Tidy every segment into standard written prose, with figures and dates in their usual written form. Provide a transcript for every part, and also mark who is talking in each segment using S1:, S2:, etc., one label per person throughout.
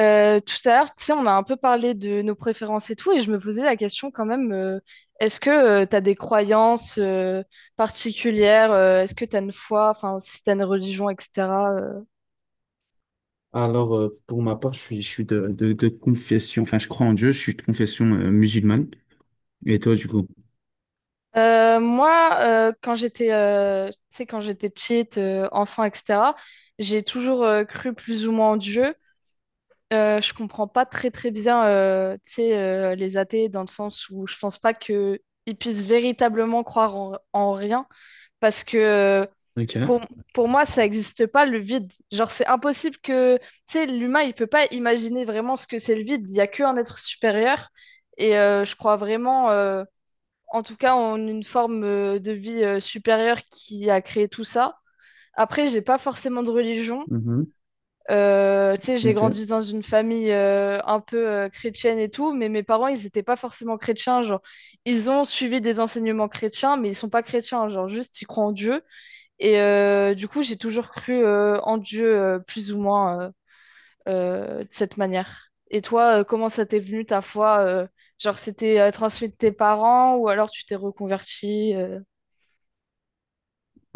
S1: Tout à l'heure, tu sais, on a un peu parlé de nos préférences et tout, et je me posais la question quand même, est-ce que tu as des croyances particulières, est-ce que tu as une foi, enfin, si tu as une religion, etc. euh.
S2: Alors, pour ma part, je suis de, de confession, enfin, je crois en Dieu, je suis de confession musulmane. Et toi, du coup?
S1: Moi, quand j'étais, tu sais, quand j'étais petite, enfant, etc., j'ai toujours cru plus ou moins en Dieu. Je comprends pas très très bien, tu sais, les athées dans le sens où je pense pas que ils puissent véritablement croire en, en rien parce que euh,
S2: Ok.
S1: Pour, pour moi, ça n'existe pas le vide. Genre, c'est impossible que, tu sais, l'humain, il peut pas imaginer vraiment ce que c'est le vide. Il n'y a qu'un être supérieur. Et je crois vraiment, en tout cas, en une forme de vie supérieure qui a créé tout ça. Après, j'ai pas forcément de religion.
S2: Mhm.
S1: Tu sais, j'ai
S2: Ok.
S1: grandi dans une famille un peu chrétienne et tout, mais mes parents, ils n'étaient pas forcément chrétiens. Genre, ils ont suivi des enseignements chrétiens, mais ils sont pas chrétiens. Genre, juste, ils croient en Dieu. Et du coup, j'ai toujours cru en Dieu plus ou moins de cette manière. Et toi, comment ça t'est venu ta foi? Genre, c'était transmis de tes parents ou alors tu t'es reconverti?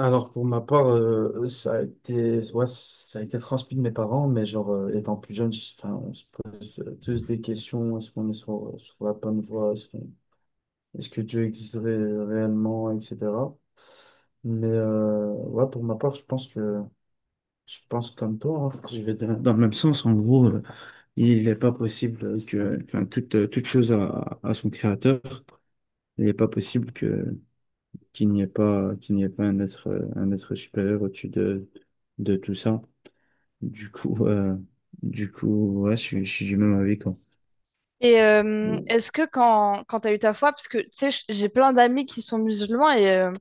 S2: Alors pour ma part, ça a été, ouais, ça a été transmis de mes parents, mais genre étant plus jeune, enfin, on se pose tous des questions, est-ce qu'on est sur la bonne voie, est-ce que Dieu existerait réellement, etc. Mais ouais, pour ma part, je pense comme toi, hein, que je vais dans le même sens, en gros. Il n'est pas possible que, enfin, toute chose a son créateur. Il n'est pas possible que, qu'il n'y ait pas un être supérieur au-dessus de tout ça. Du coup, euh, du coup, ouais, je suis du même avis, quoi.
S1: Et est-ce que quand, quand t'as eu ta foi, parce que tu sais, j'ai plein d'amis qui sont musulmans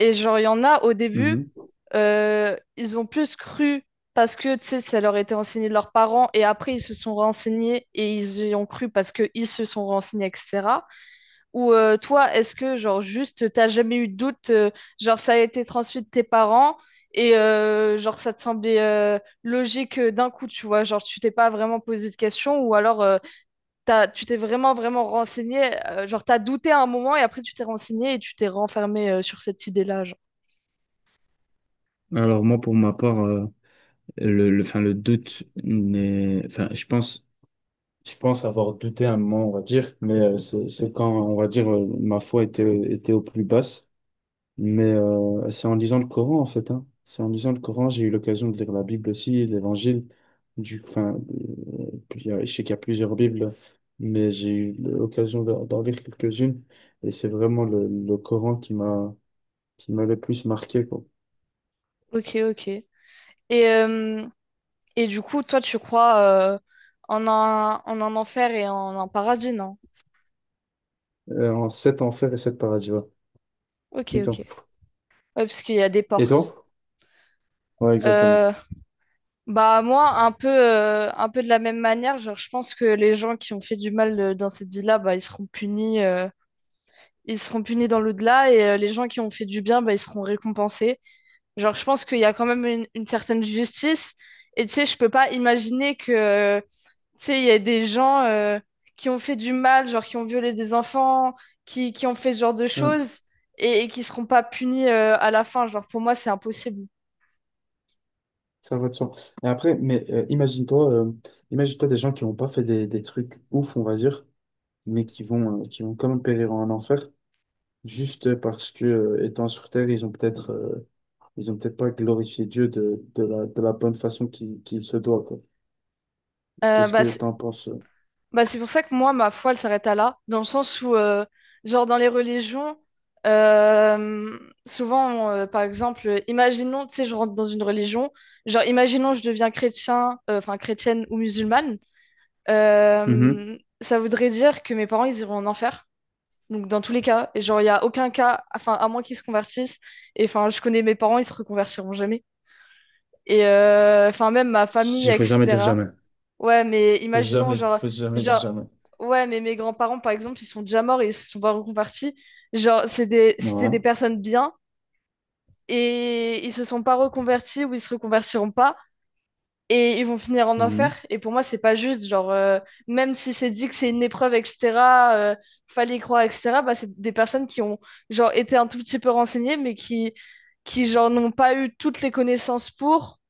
S1: et genre, il y en a au début,
S2: Mhm.
S1: ils ont plus cru parce que tu sais, ça leur était enseigné de leurs parents et après ils se sont renseignés et ils y ont cru parce qu'ils se sont renseignés, etc. Ou toi, est-ce que genre juste t'as jamais eu de doute, genre ça a été transmis de tes parents et genre ça te semblait logique d'un coup, tu vois, genre tu t'es pas vraiment posé de questions ou alors tu t'es vraiment vraiment renseigné, genre t'as douté à un moment et après tu t'es renseigné et tu t'es renfermé sur cette idée-là, genre.
S2: Alors moi pour ma part le doute n'est enfin je pense avoir douté un moment on va dire mais c'est quand on va dire ma foi était au plus basse. Mais c'est en lisant le Coran, en fait, hein. C'est en lisant le Coran, j'ai eu l'occasion de lire la Bible aussi, l'Évangile. Enfin, puis, je sais qu'il y a plusieurs Bibles, mais j'ai eu l'occasion d'en lire quelques-unes. Et c'est vraiment le Coran qui m'a le plus marqué, quoi.
S1: Ok, ok. Et, euh, et du coup, toi, tu crois euh, en un enfer et en un paradis, non?
S2: En sept enfers et sept paradis, ouais.
S1: Ok, ok.
S2: Putain.
S1: Ouais, parce qu'il y a des
S2: Et
S1: portes.
S2: toi? Ouais, exactement.
S1: Euh, Bah moi un peu de la même manière, genre je pense que les gens qui ont fait du mal dans cette vie-là, bah ils seront punis dans l'au-delà et les gens qui ont fait du bien, bah ils seront récompensés. Genre je pense qu'il y a quand même une certaine justice et tu sais je peux pas imaginer que tu sais il y a des gens qui ont fait du mal, genre qui ont violé des enfants, qui ont fait ce genre de
S2: Hum.
S1: choses et qui seront pas punis à la fin, genre pour moi c'est impossible.
S2: Ça va de soi. Et après, mais imagine-toi des, gens qui n'ont pas fait des trucs ouf, on va dire, mais qui vont quand même périr en enfer. Juste parce que, étant sur Terre, ils ont peut-être pas glorifié Dieu de, de la bonne façon qu'il se doit, quoi.
S1: Euh,
S2: Qu'est-ce
S1: bah,
S2: que
S1: c-
S2: t'en penses?
S1: Bah, c'est pour ça que moi, ma foi, elle s'arrête à là, dans le sens où, genre, dans les religions, euh, souvent, par exemple, imaginons, tu sais, je rentre dans une religion, genre, imaginons, je deviens chrétien, enfin, chrétienne ou musulmane,
S2: Mhm.
S1: ça voudrait dire que mes parents, ils iront en enfer. Donc, dans tous les cas, et genre, il n'y a aucun cas, enfin, à moins qu'ils se convertissent, et enfin, je connais mes parents, ils se reconvertiront jamais. Et enfin, même ma famille,
S2: Il faut jamais dire
S1: etc.
S2: jamais.
S1: Ouais, mais
S2: Faut
S1: imaginons,
S2: jamais,
S1: genre,
S2: faut jamais dire
S1: genre,
S2: jamais.
S1: ouais, mais mes grands-parents, par exemple, ils sont déjà morts et ils se sont pas reconvertis. Genre, c'était des
S2: Voilà.
S1: personnes bien et ils se sont pas reconvertis ou ils se reconvertiront pas et ils vont finir en enfer.
S2: Mhm.
S1: Et pour moi, c'est pas juste. Genre, même si c'est dit que c'est une épreuve, etc., euh, fallait y croire, etc., bah, c'est des personnes qui ont genre, été un tout petit peu renseignées, mais qui genre, n'ont pas eu toutes les connaissances pour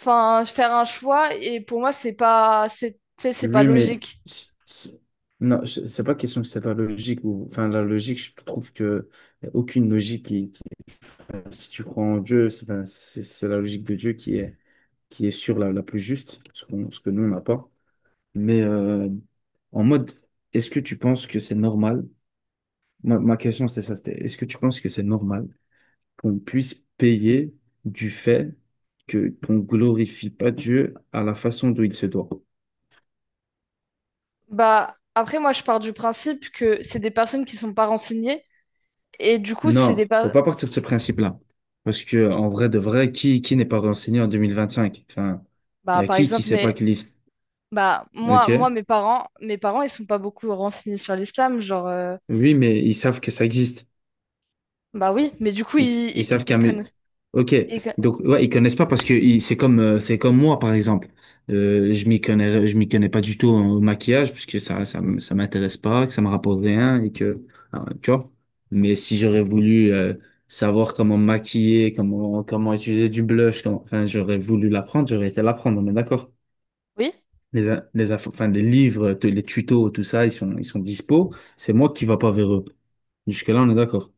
S1: enfin, faire un choix. Et pour moi, c'est pas, c'est, tu sais, c'est pas
S2: Oui, mais
S1: logique.
S2: c- c- non, c'est pas question que c'est pas logique ou enfin la logique, je trouve que y a aucune logique si tu crois en Dieu, c'est la logique de Dieu qui est sûre la plus juste, ce que nous on n'a pas. Mais en mode, est-ce que tu penses que c'est normal? Ma question, c'était ça, c'était, est-ce que tu penses que c'est normal qu'on puisse payer du fait que qu'on glorifie pas Dieu à la façon dont il se doit?
S1: Bah, après, moi, je pars du principe que c'est des personnes qui sont pas renseignées. Et du coup,
S2: Non, faut pas partir de ce principe-là. Parce que, en vrai de vrai, qui n'est pas renseigné en 2025. Enfin, il y
S1: bah,
S2: a
S1: par
S2: qui
S1: exemple,
S2: sait pas
S1: mais.
S2: qu'il existe.
S1: Bah, moi,
S2: Ok?
S1: moi, mes parents, ils sont pas beaucoup renseignés sur l'islam. Genre,
S2: Oui, mais ils savent que ça existe.
S1: Bah oui, mais du coup,
S2: Ils, ils savent
S1: ils
S2: qu'un.
S1: connaissent.
S2: Ok,
S1: ils con-
S2: donc ouais, ils connaissent pas parce que c'est comme moi, par exemple. Je m'y connais pas du tout au maquillage puisque ça m'intéresse pas, que ça me rapporte rien et que ah, tu vois. Mais si j'aurais voulu savoir comment me maquiller, comment utiliser du blush, enfin j'aurais voulu l'apprendre, j'aurais été l'apprendre, on est d'accord.
S1: Oui?
S2: Les in- les infos- enfin les livres, les tutos, tout ça, ils sont dispo. C'est moi qui va pas vers eux. Jusque-là, on est d'accord.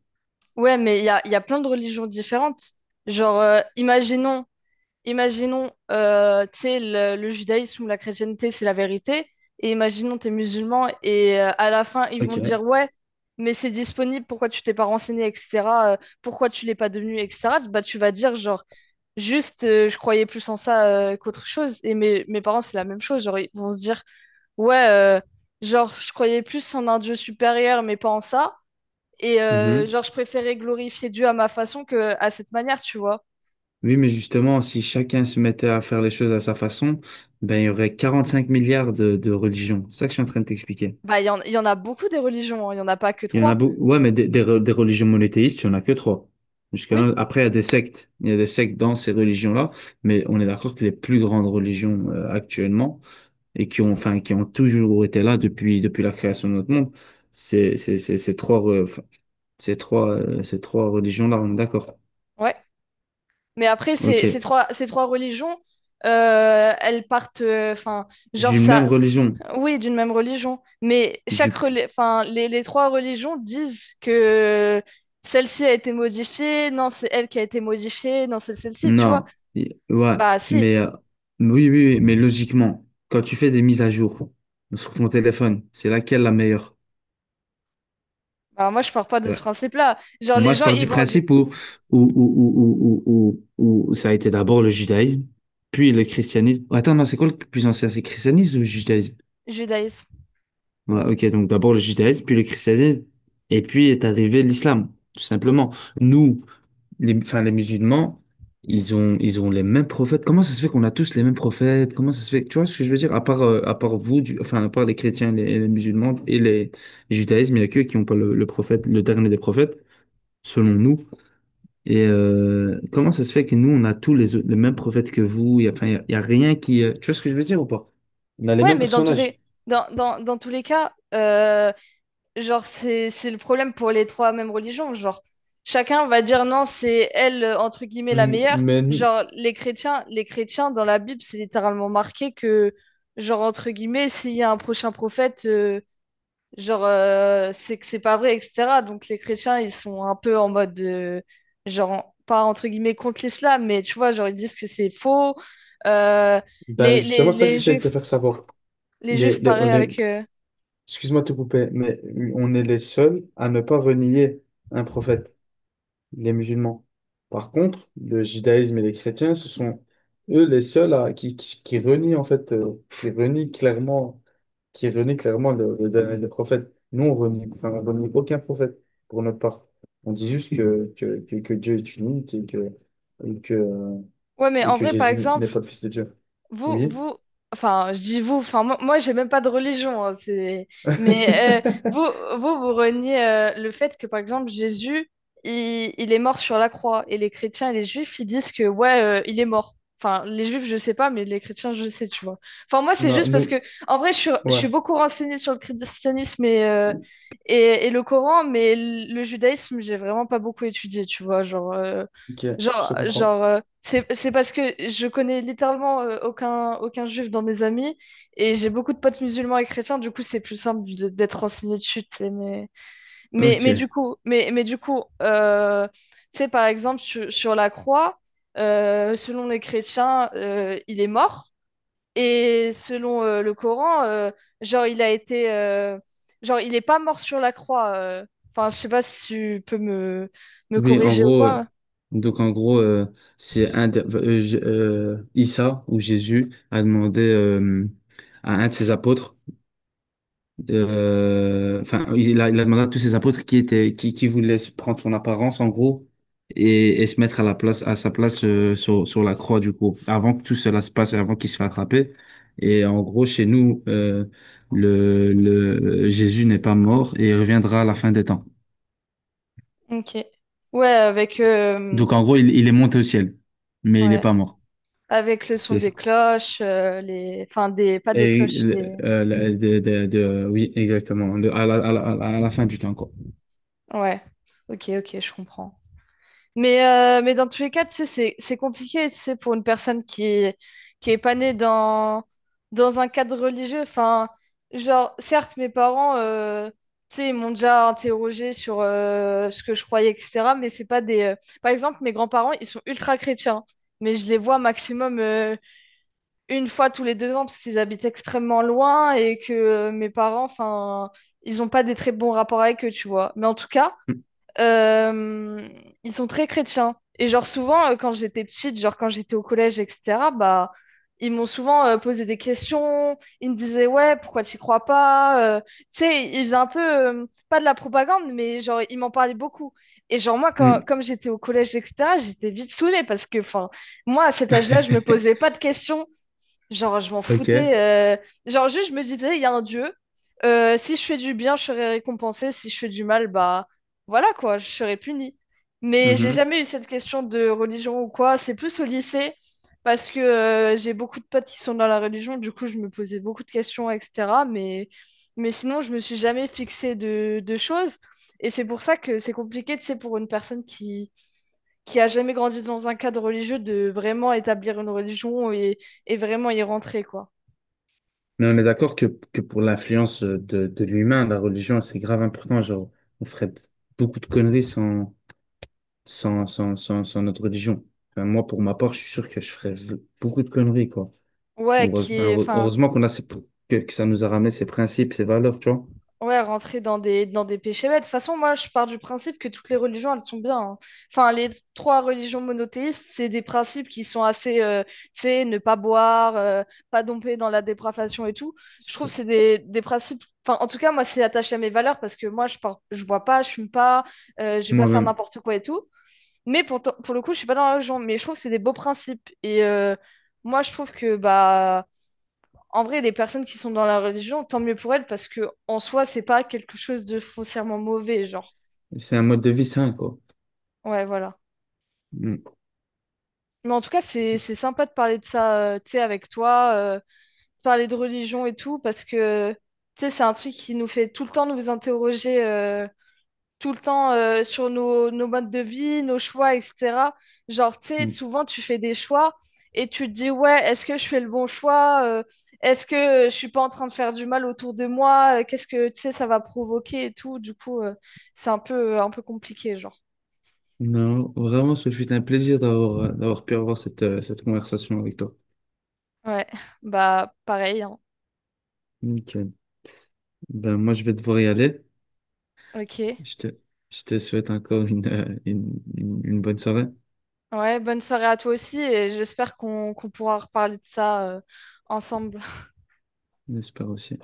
S1: Ouais, mais il y a plein de religions différentes. Genre, imaginons, tu sais, le judaïsme ou la chrétienté, c'est la vérité. Et imaginons, t'es musulman et à la fin, ils vont te dire,
S2: Ok.
S1: ouais, mais c'est disponible, pourquoi tu t'es pas renseigné, etc. euh, pourquoi tu l'es pas devenu, etc. Bah, tu vas dire, genre, juste, je croyais plus en ça qu'autre chose. Et mes parents, c'est la même chose. Genre, ils vont se dire, ouais, genre, je croyais plus en un Dieu supérieur, mais pas en ça. Et genre, je préférais glorifier Dieu à ma façon que à cette manière, tu vois.
S2: Oui, mais justement, si chacun se mettait à faire les choses à sa façon, ben, il y aurait 45 milliards de religions. C'est ça que je suis en train de t'expliquer.
S1: Bah, il y en a beaucoup des religions, hein, il y en a pas que
S2: Il y en a
S1: trois.
S2: beaucoup. Ouais, mais des religions monothéistes, il n'y en a que trois. Jusqu'à
S1: Oui,
S2: après, il y a des sectes. Il y a des sectes dans ces religions-là. Mais on est d'accord que les plus grandes religions, actuellement, et qui ont toujours été là depuis la création de notre monde, c'est, ces trois, re- enfin, ces trois religions-là, on est d'accord.
S1: ouais. Mais après,
S2: OK.
S1: ces trois religions, elles partent, enfin, genre
S2: D'une même
S1: ça,
S2: religion.
S1: oui, d'une même religion. Mais chaque, enfin, les trois religions disent que celle-ci a été modifiée, non, c'est elle qui a été modifiée, non, c'est celle-ci, tu vois.
S2: Non, ouais,
S1: Bah, si.
S2: mais oui, oui, oui, mais logiquement, quand tu fais des mises à jour sur ton téléphone, c'est laquelle la meilleure?
S1: Bah, moi, je pars pas de
S2: C'est
S1: ce
S2: la-
S1: principe-là. Genre, les
S2: Moi, je
S1: gens,
S2: pars
S1: ils
S2: du
S1: vont dire
S2: principe où ça a été d'abord le judaïsme, puis le christianisme. Attends, non, c'est quoi le plus ancien? C'est le christianisme ou le judaïsme?
S1: judaïsme.
S2: Ouais, ok, donc d'abord le judaïsme, puis le christianisme, et puis est arrivé l'islam, tout simplement. Nous, les musulmans, ils ont les mêmes prophètes. Comment ça se fait qu'on a tous les mêmes prophètes? Comment ça se fait? Tu vois ce que je veux dire? À part vous, enfin, à part les chrétiens, les musulmans et les judaïsmes, il n'y a qu'eux qui n'ont pas le prophète, le dernier des prophètes, selon nous. Et comment ça se fait que nous, on a tous les mêmes prophètes que vous? Il n'y a, enfin, il y a rien qui. Tu vois ce que je veux dire ou pas? On a les
S1: Ouais,
S2: mêmes
S1: mais dans tous
S2: personnages.
S1: les, dans, dans, dans tous les cas, genre, c'est le problème pour les trois mêmes religions. Genre, chacun va dire non, c'est elle, entre guillemets, la meilleure.
S2: Mais
S1: Genre, les chrétiens, dans la Bible, c'est littéralement marqué que, genre, entre guillemets, s'il y a un prochain prophète, genre, c'est que c'est pas vrai, etc. Donc les chrétiens, ils sont un peu en mode, genre, pas entre guillemets contre l'islam, mais tu vois, genre, ils disent que c'est faux. Euh,
S2: bah
S1: les,
S2: justement,
S1: les,
S2: c'est ça que
S1: les
S2: j'essaie de te
S1: juifs,
S2: faire savoir.
S1: les juifs, pareil
S2: Les
S1: avec...
S2: Excuse-moi de te couper, mais on est les seuls à ne pas renier un prophète, les musulmans. Par contre, le judaïsme et les chrétiens, ce sont eux les seuls qui renient en fait, qui renient clairement le dernier des prophètes. Nous, on renie aucun prophète pour notre part. On dit juste que Dieu est unique et et que, euh,
S1: Ouais, mais
S2: et
S1: en
S2: que
S1: vrai, par
S2: Jésus n'est
S1: exemple,
S2: pas le fils de Dieu.
S1: Vous,
S2: Oui.
S1: vous, enfin, je dis vous, enfin, moi j'ai même pas de religion, hein, c'est... Mais vous, vous reniez le fait que, par exemple, Jésus, il est mort sur la croix, et les chrétiens et les juifs, ils disent que, ouais, il est mort. Enfin, les juifs, je sais pas, mais les chrétiens, je sais, tu vois. Enfin, moi, c'est
S2: Non,
S1: juste parce que,
S2: nous,
S1: en vrai, je
S2: ouais,
S1: suis beaucoup renseignée sur le christianisme et, et le Coran, mais le judaïsme, j'ai vraiment pas beaucoup étudié, tu vois, genre... euh,
S2: ok, je
S1: Genre,
S2: te comprends.
S1: genre euh, c'est parce que je connais littéralement aucun juif dans mes amis et j'ai beaucoup de potes musulmans et chrétiens, du coup c'est plus simple d'être renseigné dessus. Tu sais, mais,
S2: Ok.
S1: mais du coup tu sais, par exemple, sur, sur la croix, selon les chrétiens, il est mort et selon le Coran, genre, genre, il n'est pas mort sur la croix. Enfin, je sais pas si tu peux me
S2: Oui, en
S1: corriger ou
S2: gros,
S1: quoi.
S2: donc en gros, c'est Issa ou Jésus a demandé à un de ses apôtres, enfin, il a demandé à tous ses apôtres qui voulaient se prendre son apparence, en gros, et se mettre à la place, à sa place sur, la croix, du coup, avant que tout cela se passe, et avant qu'il se fasse attraper. Et en gros, chez nous, le Jésus n'est pas mort et il reviendra à la fin des temps.
S1: Ok. Ouais, avec, euh,
S2: Donc en gros, il est monté au ciel, mais il n'est
S1: ouais,
S2: pas mort.
S1: avec le son des
S2: C'est,
S1: cloches, les... Enfin, des... pas des
S2: et,
S1: cloches, des...
S2: oui, exactement. À la fin du temps, quoi.
S1: Ouais, ok, ok, je comprends. Mais dans tous les cas, tu sais, c'est compliqué, tu sais, pour une personne qui est pas née dans, dans un cadre religieux. Enfin, genre, certes, mes parents, tu sais, ils m'ont déjà interrogé sur ce que je croyais, etc. Mais c'est pas des... Par exemple, mes grands-parents, ils sont ultra chrétiens, mais je les vois maximum une fois tous les deux ans parce qu'ils habitent extrêmement loin et que mes parents, enfin, ils n'ont pas des très bons rapports avec eux, tu vois. Mais en tout cas,
S2: Mm,
S1: euh, ils sont très chrétiens. Et genre souvent, quand j'étais petite, genre quand j'étais au collège, etc., bah, ils m'ont souvent posé des questions. Ils me disaient, ouais, pourquoi tu crois pas? Tu sais, ils faisaient un peu, pas de la propagande, mais genre, ils m'en parlaient beaucoup. Et genre, quand,
S2: mm.
S1: comme j'étais au collège, etc., j'étais vite saoulée parce que, enfin, moi, à cet âge-là, je me posais pas de questions. Genre, je m'en
S2: OK.
S1: foutais. Genre, juste, je me disais, il y a un dieu. Si je fais du bien, je serai récompensée. Si je fais du mal, bah voilà quoi, je serai punie. Mais j'ai
S2: Mhm.
S1: jamais eu cette question de religion ou quoi. C'est plus au lycée, parce que j'ai beaucoup de potes qui sont dans la religion. Du coup, je me posais beaucoup de questions, etc. Mais sinon, je me suis jamais fixée de choses. Et c'est pour ça que c'est compliqué, tu sais, pour une personne qui a jamais grandi dans un cadre religieux de vraiment établir une religion et vraiment y rentrer, quoi.
S2: Mais on est d'accord que, pour l'influence de, l'humain, la religion, c'est grave important. Genre, on ferait beaucoup de conneries sans notre religion. Enfin, moi, pour ma part, je suis sûr que je ferais beaucoup de conneries, quoi.
S1: Ouais, qui est, enfin,
S2: Heureusement, qu'on a que ça nous a ramené ces principes, ces valeurs, tu vois.
S1: ouais, rentrer dans des péchés bêtes. De toute façon, moi, je pars du principe que toutes les religions, elles sont bien, hein. Enfin, les trois religions monothéistes, c'est des principes qui sont assez, tu sais, ne pas boire, pas domper dans la dépravation et tout. Je trouve que
S2: C'est-
S1: c'est des principes. Enfin, en tout cas, moi, c'est attaché à mes valeurs parce que moi, je pars, je bois pas, je fume pas, je vais pas faire
S2: Moi-même.
S1: n'importe quoi et tout. Mais pour, pour le coup, je suis pas dans la religion, mais je trouve que c'est des beaux principes. Et moi, je trouve que, bah, en vrai, les personnes qui sont dans la religion, tant mieux pour elles, parce que en soi, c'est pas quelque chose de foncièrement mauvais, genre.
S2: C'est un mode de vie sain, quoi.
S1: Ouais, voilà.
S2: Mm.
S1: Mais en tout cas, c'est sympa de parler de ça, tu sais, avec toi, parler de religion et tout, parce que, tu sais, c'est un truc qui nous fait tout le temps nous interroger, tout le temps sur nos, nos modes de vie, nos choix, etc. Genre, tu sais,
S2: Mm.
S1: souvent tu fais des choix et tu te dis, ouais, est-ce que je fais le bon choix? Est-ce que je suis pas en train de faire du mal autour de moi? Qu'est-ce que, tu sais, ça va provoquer et tout. Du coup, c'est un peu compliqué, genre.
S2: Non, vraiment, ce fut un plaisir d'avoir pu avoir cette conversation avec toi.
S1: Ouais, bah pareil, hein.
S2: Nickel. Ben, moi, je vais devoir y aller.
S1: Ok.
S2: Je te, je te souhaite encore une bonne soirée.
S1: Ouais, bonne soirée à toi aussi et j'espère qu'on pourra reparler de ça ensemble.
S2: J'espère aussi.